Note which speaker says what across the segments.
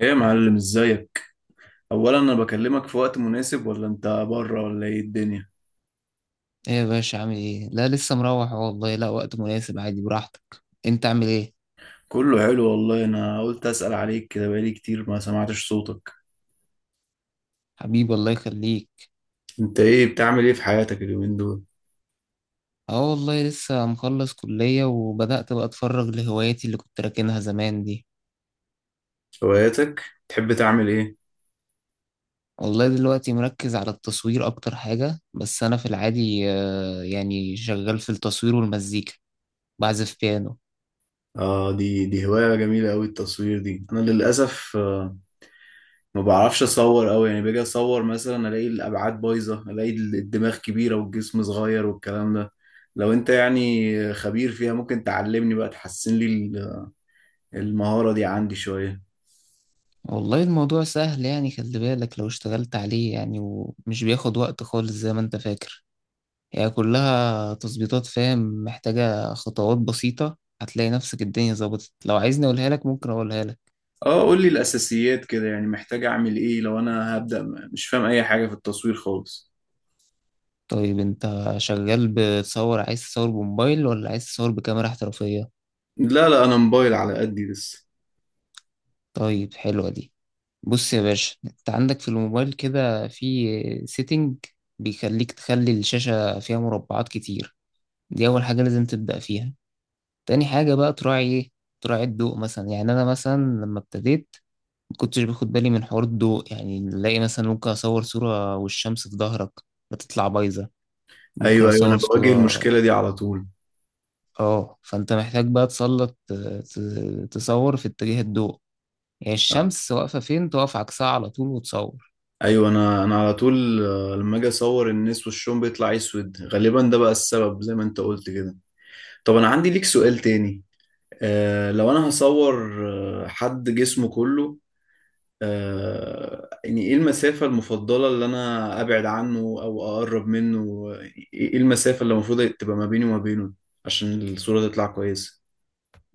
Speaker 1: ايه يا معلم، ازيك؟ اولا انا بكلمك في وقت مناسب، ولا انت بره، ولا ايه الدنيا؟
Speaker 2: ايه يا باشا عامل ايه؟ لا لسه مروح أهو، والله لا وقت مناسب، عادي براحتك. انت عامل ايه؟
Speaker 1: كله حلو والله. انا قلت اسأل عليك كده، بقالي كتير ما سمعتش صوتك.
Speaker 2: حبيبي الله يخليك.
Speaker 1: انت ايه بتعمل، ايه في حياتك اليومين دول؟
Speaker 2: اه والله لسه مخلص كلية وبدأت بقى اتفرغ لهواياتي اللي كنت راكنها زمان دي.
Speaker 1: هواياتك؟ تحب تعمل ايه؟
Speaker 2: والله دلوقتي مركز على التصوير اكتر حاجة. بس انا في العادي يعني شغال في التصوير والمزيكا، بعزف بيانو.
Speaker 1: اه، دي هواية جميلة قوي التصوير دي. انا للاسف ما بعرفش اصور قوي، يعني باجي اصور مثلا الاقي الابعاد بايظة، الاقي الدماغ كبيرة والجسم صغير والكلام ده. لو انت يعني خبير فيها ممكن تعلمني بقى، تحسن لي المهارة دي عندي شوية.
Speaker 2: والله الموضوع سهل، يعني خلي بالك لو اشتغلت عليه، يعني ومش بياخد وقت خالص زي ما انت فاكر. هي كلها تظبيطات، فاهم؟ محتاجة خطوات بسيطة، هتلاقي نفسك الدنيا ظبطت. لو عايزني أقولها لك ممكن أقولها لك.
Speaker 1: اه، قول لي الاساسيات كده، يعني محتاج اعمل ايه لو انا هبدأ مش فاهم اي حاجة في التصوير خالص؟
Speaker 2: طيب أنت شغال بتصور، عايز تصور بموبايل ولا عايز تصور بكاميرا احترافية؟
Speaker 1: لا لا، انا موبايل على قدي لسه.
Speaker 2: طيب حلوة دي. بص يا باشا، أنت عندك في الموبايل كده في سيتنج بيخليك تخلي الشاشة فيها مربعات كتير. دي أول حاجة لازم تبدأ فيها. تاني حاجة بقى تراعي إيه؟ تراعي الضوء. مثلا يعني أنا مثلا لما ابتديت ما كنتش باخد بالي من حوار الضوء. يعني نلاقي مثلا ممكن اصور صورة والشمس في ظهرك، بتطلع بايظة. ممكن
Speaker 1: ايوه ايوه، انا
Speaker 2: اصور
Speaker 1: بواجه
Speaker 2: صورة.
Speaker 1: المشكلة دي على طول.
Speaker 2: اه فانت محتاج بقى تسلط، تصور في اتجاه الضوء، يعني الشمس واقفة فين تقف عكسها على طول وتصور.
Speaker 1: ايوه، انا على طول لما اجي اصور الناس وشهم بيطلع اسود غالبا، ده بقى السبب زي ما انت قلت كده. طب انا عندي ليك سؤال تاني. آه، لو انا هصور حد جسمه كله، يعني ايه المسافة المفضلة اللي انا ابعد عنه او اقرب منه؟ يعني ايه المسافة اللي المفروض تبقى ما بيني وما بينه عشان الصورة تطلع كويسة؟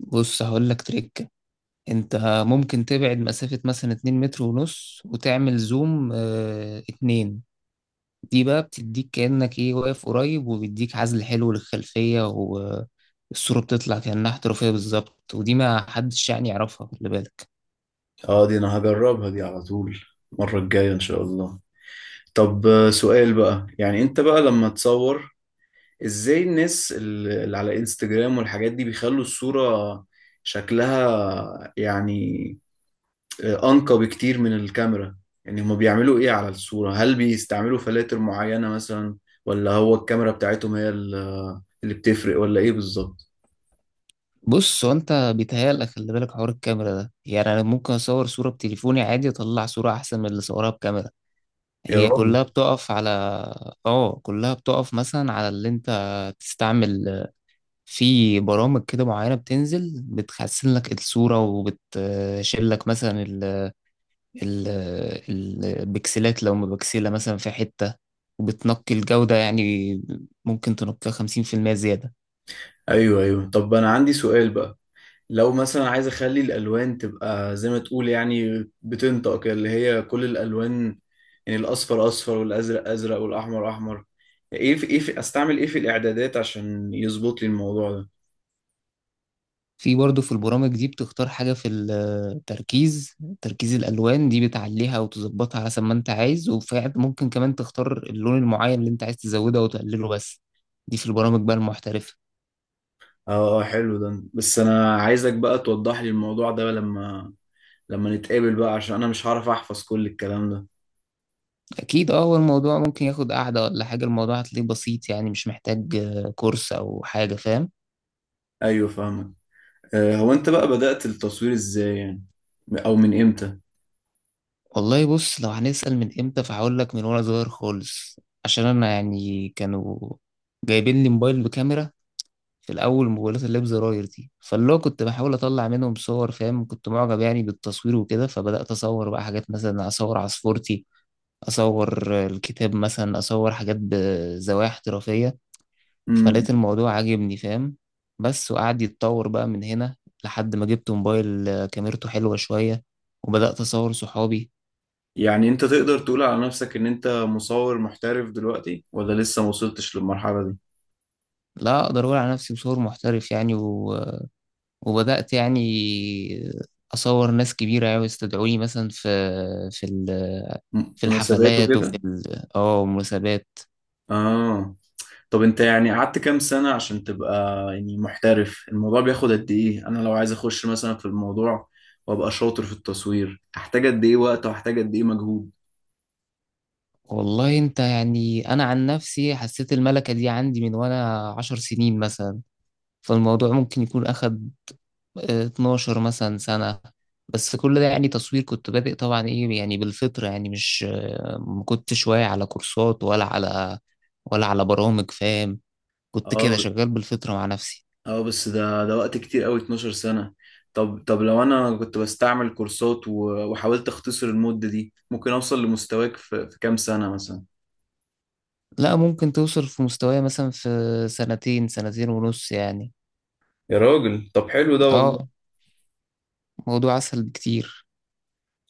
Speaker 2: بص هقول لك تريكة. انت ممكن تبعد مسافة مثلا 2 متر ونص وتعمل زوم 2. دي بقى بتديك كأنك ايه واقف قريب، وبيديك عزل حلو للخلفية، والصورة بتطلع كأنها احترافية بالظبط. ودي ما حدش يعني يعرفها، خلي بالك.
Speaker 1: اه، دي انا هجربها دي على طول المرة الجاية ان شاء الله. طب سؤال بقى. يعني انت بقى لما تصور، ازاي الناس اللي على انستجرام والحاجات دي بيخلوا الصورة شكلها يعني أنقى بكتير من الكاميرا؟ يعني هما بيعملوا إيه على الصورة؟ هل بيستعملوا فلاتر معينة مثلا، ولا هو الكاميرا بتاعتهم هي اللي بتفرق، ولا إيه بالظبط؟
Speaker 2: بص هو انت بيتهيألك، خلي بالك حوار الكاميرا ده، يعني انا ممكن اصور صورة بتليفوني عادي اطلع صورة احسن من اللي صورها بكاميرا.
Speaker 1: يا
Speaker 2: هي
Speaker 1: راجل.
Speaker 2: كلها بتقف على، اه كلها بتقف مثلا على اللي انت تستعمل. في برامج كده معينة بتنزل، بتحسن لك الصورة، وبتشيل لك مثلا البكسلات لو مبكسلة مثلا في حتة، وبتنقي الجودة يعني. ممكن تنقيها 50% زيادة.
Speaker 1: أيوه أيوه، طب أنا عندي سؤال بقى. لو مثلا عايز أخلي الألوان تبقى زي ما تقول يعني بتنطق كده، اللي هي كل الألوان، يعني الأصفر أصفر والأزرق أزرق والأحمر أحمر، إيه في إيه في أستعمل إيه في الإعدادات عشان يظبط لي الموضوع ده؟
Speaker 2: في برضه في البرامج دي بتختار حاجة في التركيز، تركيز الألوان. دي بتعليها وتظبطها حسب ما أنت عايز، وفعلا ممكن كمان تختار اللون المعين اللي أنت عايز تزوده أو تقلله. بس دي في البرامج بقى المحترفة.
Speaker 1: اه، حلو ده. بس انا عايزك بقى توضح لي الموضوع ده لما نتقابل بقى، عشان انا مش هعرف احفظ كل الكلام ده.
Speaker 2: أكيد. أه هو الموضوع ممكن ياخد قعدة ولا حاجة، الموضوع هتلاقيه بسيط يعني، مش محتاج كورس أو حاجة، فاهم؟
Speaker 1: ايوه فاهمك. هو انت بقى بدأت التصوير ازاي يعني، او من امتى؟
Speaker 2: والله بص، لو هنسأل من امتى فهقول لك من وانا صغير خالص. عشان انا يعني كانوا جايبين لي موبايل بكاميرا في الاول، موبايلات اللي بزراير دي، فاللي هو كنت بحاول اطلع منهم صور، فاهم؟ كنت معجب يعني بالتصوير وكده. فبدأت اصور بقى حاجات، مثلا اصور عصفورتي، اصور الكتاب مثلا، اصور حاجات بزوايا احترافية.
Speaker 1: امم
Speaker 2: فلقيت الموضوع عاجبني، فاهم؟ بس وقعد يتطور بقى من هنا لحد ما جبت موبايل كاميرته حلوة شوية، وبدأت أصور صحابي.
Speaker 1: يعني انت تقدر تقول على نفسك ان انت مصور محترف دلوقتي، ولا لسه ما وصلتش للمرحلة دي؟
Speaker 2: لا اقدر اقول على نفسي بصور محترف يعني، و... وبدات يعني اصور ناس كبيره، يعني يستدعوني مثلا في في
Speaker 1: مناسبات
Speaker 2: الحفلات وفي
Speaker 1: وكده.
Speaker 2: ال... اه مناسبات.
Speaker 1: اه، طب انت يعني قعدت كام سنة عشان تبقى يعني محترف؟ الموضوع بياخد قد ايه؟ انا لو عايز اخش مثلا في الموضوع وابقى شاطر في التصوير، احتاج قد ايه وقت واحتاج قد ايه مجهود؟
Speaker 2: والله انت يعني، انا عن نفسي حسيت الملكه دي عندي من وانا 10 سنين مثلا. فالموضوع ممكن يكون اخد 12 مثلا سنه. بس كل ده يعني تصوير كنت بادئ طبعا ايه يعني بالفطره، يعني مش ما كنتش واعي على كورسات، ولا على برامج، فاهم؟ كنت كده
Speaker 1: اه
Speaker 2: شغال بالفطرة مع نفسي.
Speaker 1: اه، بس ده وقت كتير قوي، 12 سنة. طب لو انا كنت بستعمل كورسات وحاولت اختصر المدة دي، ممكن اوصل لمستواك في كام سنة مثلا؟
Speaker 2: لا ممكن توصل في مستواي مثلا في 2 سنين، 2 سنين ونص يعني.
Speaker 1: يا راجل، طب حلو ده والله.
Speaker 2: اه موضوع أسهل بكتير.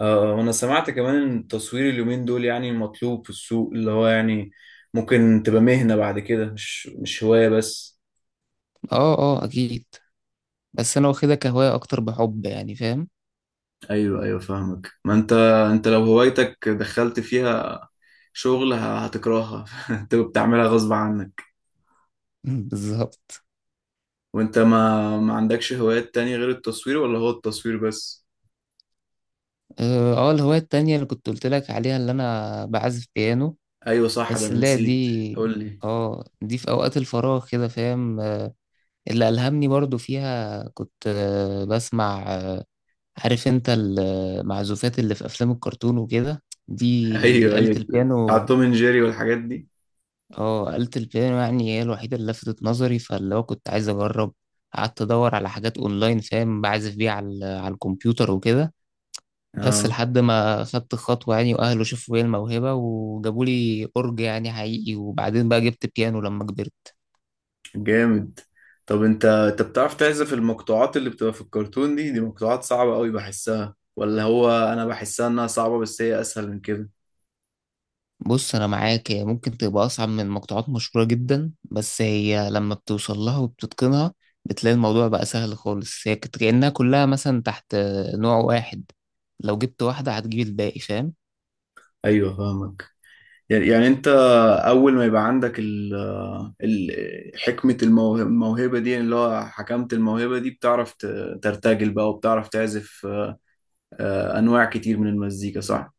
Speaker 1: آه، وانا سمعت كمان ان التصوير اليومين دول يعني مطلوب في السوق، اللي هو يعني ممكن تبقى مهنة بعد كده، مش هواية بس.
Speaker 2: اه اه أكيد. بس أنا واخدها كهواية أكتر، بحب يعني، فاهم؟
Speaker 1: ايوه ايوه فاهمك. ما انت، لو هوايتك دخلت فيها شغل هتكرهها انت بتعملها غصب عنك.
Speaker 2: بالظبط.
Speaker 1: وانت ما عندكش هوايات تانية غير التصوير، ولا هو التصوير بس؟
Speaker 2: اه الهواية التانية اللي كنت قلت لك عليها، اللي أنا بعزف بيانو.
Speaker 1: ايوه صح، ده
Speaker 2: بس
Speaker 1: انا
Speaker 2: لا
Speaker 1: نسيت.
Speaker 2: دي.
Speaker 1: قول لي.
Speaker 2: اه دي في أوقات الفراغ كده، فاهم؟ اللي ألهمني برضو فيها، كنت بسمع، عارف انت المعزوفات اللي في افلام الكرتون وكده، دي
Speaker 1: ايوه
Speaker 2: آلة
Speaker 1: ايوه، بتاع
Speaker 2: البيانو.
Speaker 1: توم اند جيري والحاجات دي.
Speaker 2: اه آلة البيانو يعني هي الوحيدة اللي لفتت نظري، فاللي هو كنت عايز اجرب. قعدت ادور على حاجات اونلاين، فاهم؟ بعزف بيها على على الكمبيوتر وكده. بس
Speaker 1: اه،
Speaker 2: لحد ما خدت خطوة يعني، واهله شافوا فيا الموهبة وجابوا لي اورج يعني حقيقي، وبعدين بقى جبت بيانو لما كبرت.
Speaker 1: جامد. طب انت بتعرف تعزف المقطوعات اللي بتبقى في الكرتون دي؟ دي مقطوعات صعبة قوي بحسها، ولا هو انا بحسها انها صعبة بس هي اسهل من كده؟
Speaker 2: بص انا معاك، هي ممكن تبقى اصعب من مقطوعات مشهوره جدا، بس هي لما بتوصل لها وبتتقنها بتلاقي الموضوع بقى سهل خالص. هي كأنها كلها مثلا تحت نوع واحد، لو جبت واحده هتجيب الباقي، فاهم؟
Speaker 1: ايوه فاهمك. يعني انت اول ما يبقى عندك حكمة الموهبة, دي اللي هو حكمت الموهبة دي، بتعرف ترتجل بقى وبتعرف تعزف انواع كتير من المزيكا، صح؟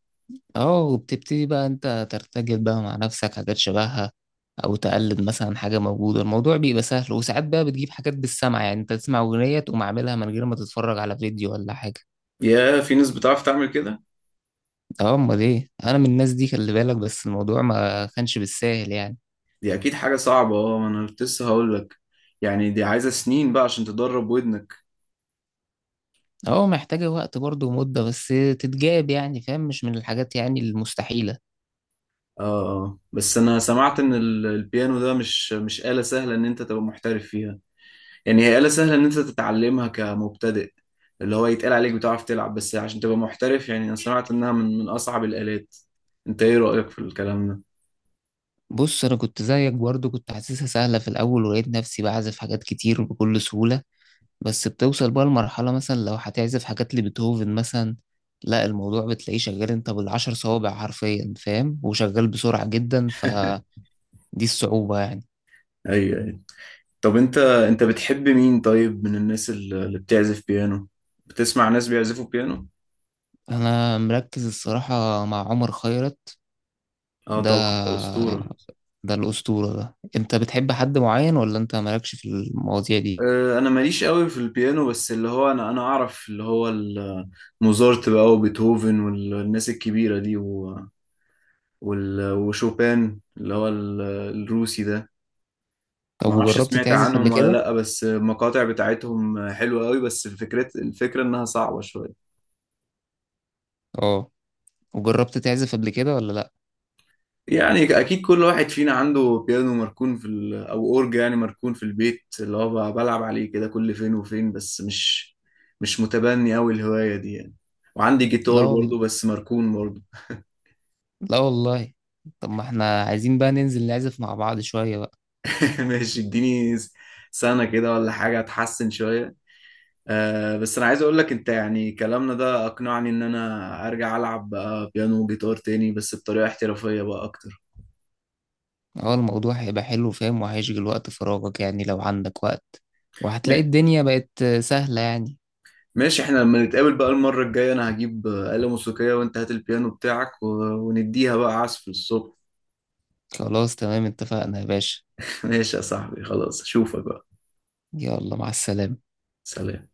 Speaker 2: اه وبتبتدي بقى انت ترتجل بقى مع نفسك حاجات شبهها، او تقلد مثلا حاجه موجوده. الموضوع بيبقى سهل، وساعات بقى بتجيب حاجات بالسمع، يعني انت تسمع اغنيه تقوم عاملها من غير ما تتفرج على فيديو ولا حاجه.
Speaker 1: يا، في ناس بتعرف تعمل كده.
Speaker 2: اه امال ايه، انا من الناس دي، خلي بالك. بس الموضوع ما كانش بالساهل يعني.
Speaker 1: دي اكيد حاجه صعبه. اه، ما انا كنت لسه هقول لك، يعني دي عايزه سنين بقى عشان تدرب ودنك.
Speaker 2: اه محتاجة وقت برضه ومدة بس تتجاب يعني، فاهم؟ مش من الحاجات يعني المستحيلة.
Speaker 1: اه. بس انا سمعت ان البيانو ده مش آلة سهله ان انت تبقى محترف فيها. يعني هي آلة سهله ان انت تتعلمها كمبتدئ، اللي هو يتقال عليك بتعرف تلعب، بس عشان تبقى محترف يعني انا سمعت انها من اصعب الآلات. انت ايه رأيك في الكلام ده؟
Speaker 2: بص أنا كنت زيك برضه، كنت حاسسها سهلة في الأول، ولقيت نفسي بعزف حاجات كتير وبكل سهولة. بس بتوصل بقى لمرحلة، مثلا لو هتعزف حاجات لبيتهوفن مثلا، لا الموضوع بتلاقيه شغال انت بالعشر صوابع حرفيا، فاهم؟ وشغال بسرعة جدا. فدي الصعوبة يعني.
Speaker 1: ايوه. طب انت بتحب مين طيب من الناس اللي بتعزف بيانو؟ بتسمع ناس بيعزفوا بيانو؟
Speaker 2: أنا مركز الصراحة مع عمر خيرت.
Speaker 1: اه
Speaker 2: ده
Speaker 1: طبعا، ده أسطورة.
Speaker 2: ده الأسطورة. ده أنت بتحب حد معين ولا أنت مالكش في المواضيع دي؟
Speaker 1: انا ماليش قوي في البيانو، بس اللي هو انا اعرف اللي هو موزارت بقى وبيتهوفن والناس الكبيرة دي وشوبان اللي هو الروسي ده. ما
Speaker 2: طب
Speaker 1: اعرفش
Speaker 2: وجربت
Speaker 1: سمعت
Speaker 2: تعزف قبل
Speaker 1: عنهم ولا
Speaker 2: كده؟
Speaker 1: لا، بس المقاطع بتاعتهم حلوة قوي، بس الفكرة انها صعبة شوية.
Speaker 2: اه وجربت تعزف قبل كده ولا لأ؟
Speaker 1: يعني اكيد كل واحد فينا عنده بيانو مركون او اورج يعني مركون في البيت، اللي هو بلعب عليه كده كل فين وفين، بس مش متبني قوي الهواية دي يعني. وعندي
Speaker 2: لا
Speaker 1: جيتار
Speaker 2: والله.
Speaker 1: برضه بس مركون برضه.
Speaker 2: لا والله. طب ما احنا عايزين بقى ننزل نعزف مع بعض شوية بقى.
Speaker 1: ماشي، اديني سنة كده ولا حاجة اتحسن شوية. آه، بس انا عايز اقول لك انت يعني كلامنا ده اقنعني ان انا ارجع العب بقى بيانو وجيتار تاني، بس بطريقة احترافية بقى اكتر.
Speaker 2: اه الموضوع هيبقى حلو، فاهم؟ وهيشغل وقت فراغك يعني لو عندك وقت، وهتلاقي الدنيا بقت سهلة يعني.
Speaker 1: ماشي، احنا لما نتقابل بقى المرة الجاية انا هجيب آلة موسيقية وانت هات البيانو بتاعك ونديها بقى عزف الصبح.
Speaker 2: خلاص تمام، اتفقنا يا باشا.
Speaker 1: ماشي يا صاحبي، خلاص، اشوفك بقى.
Speaker 2: يلا مع السلامة.
Speaker 1: سلام.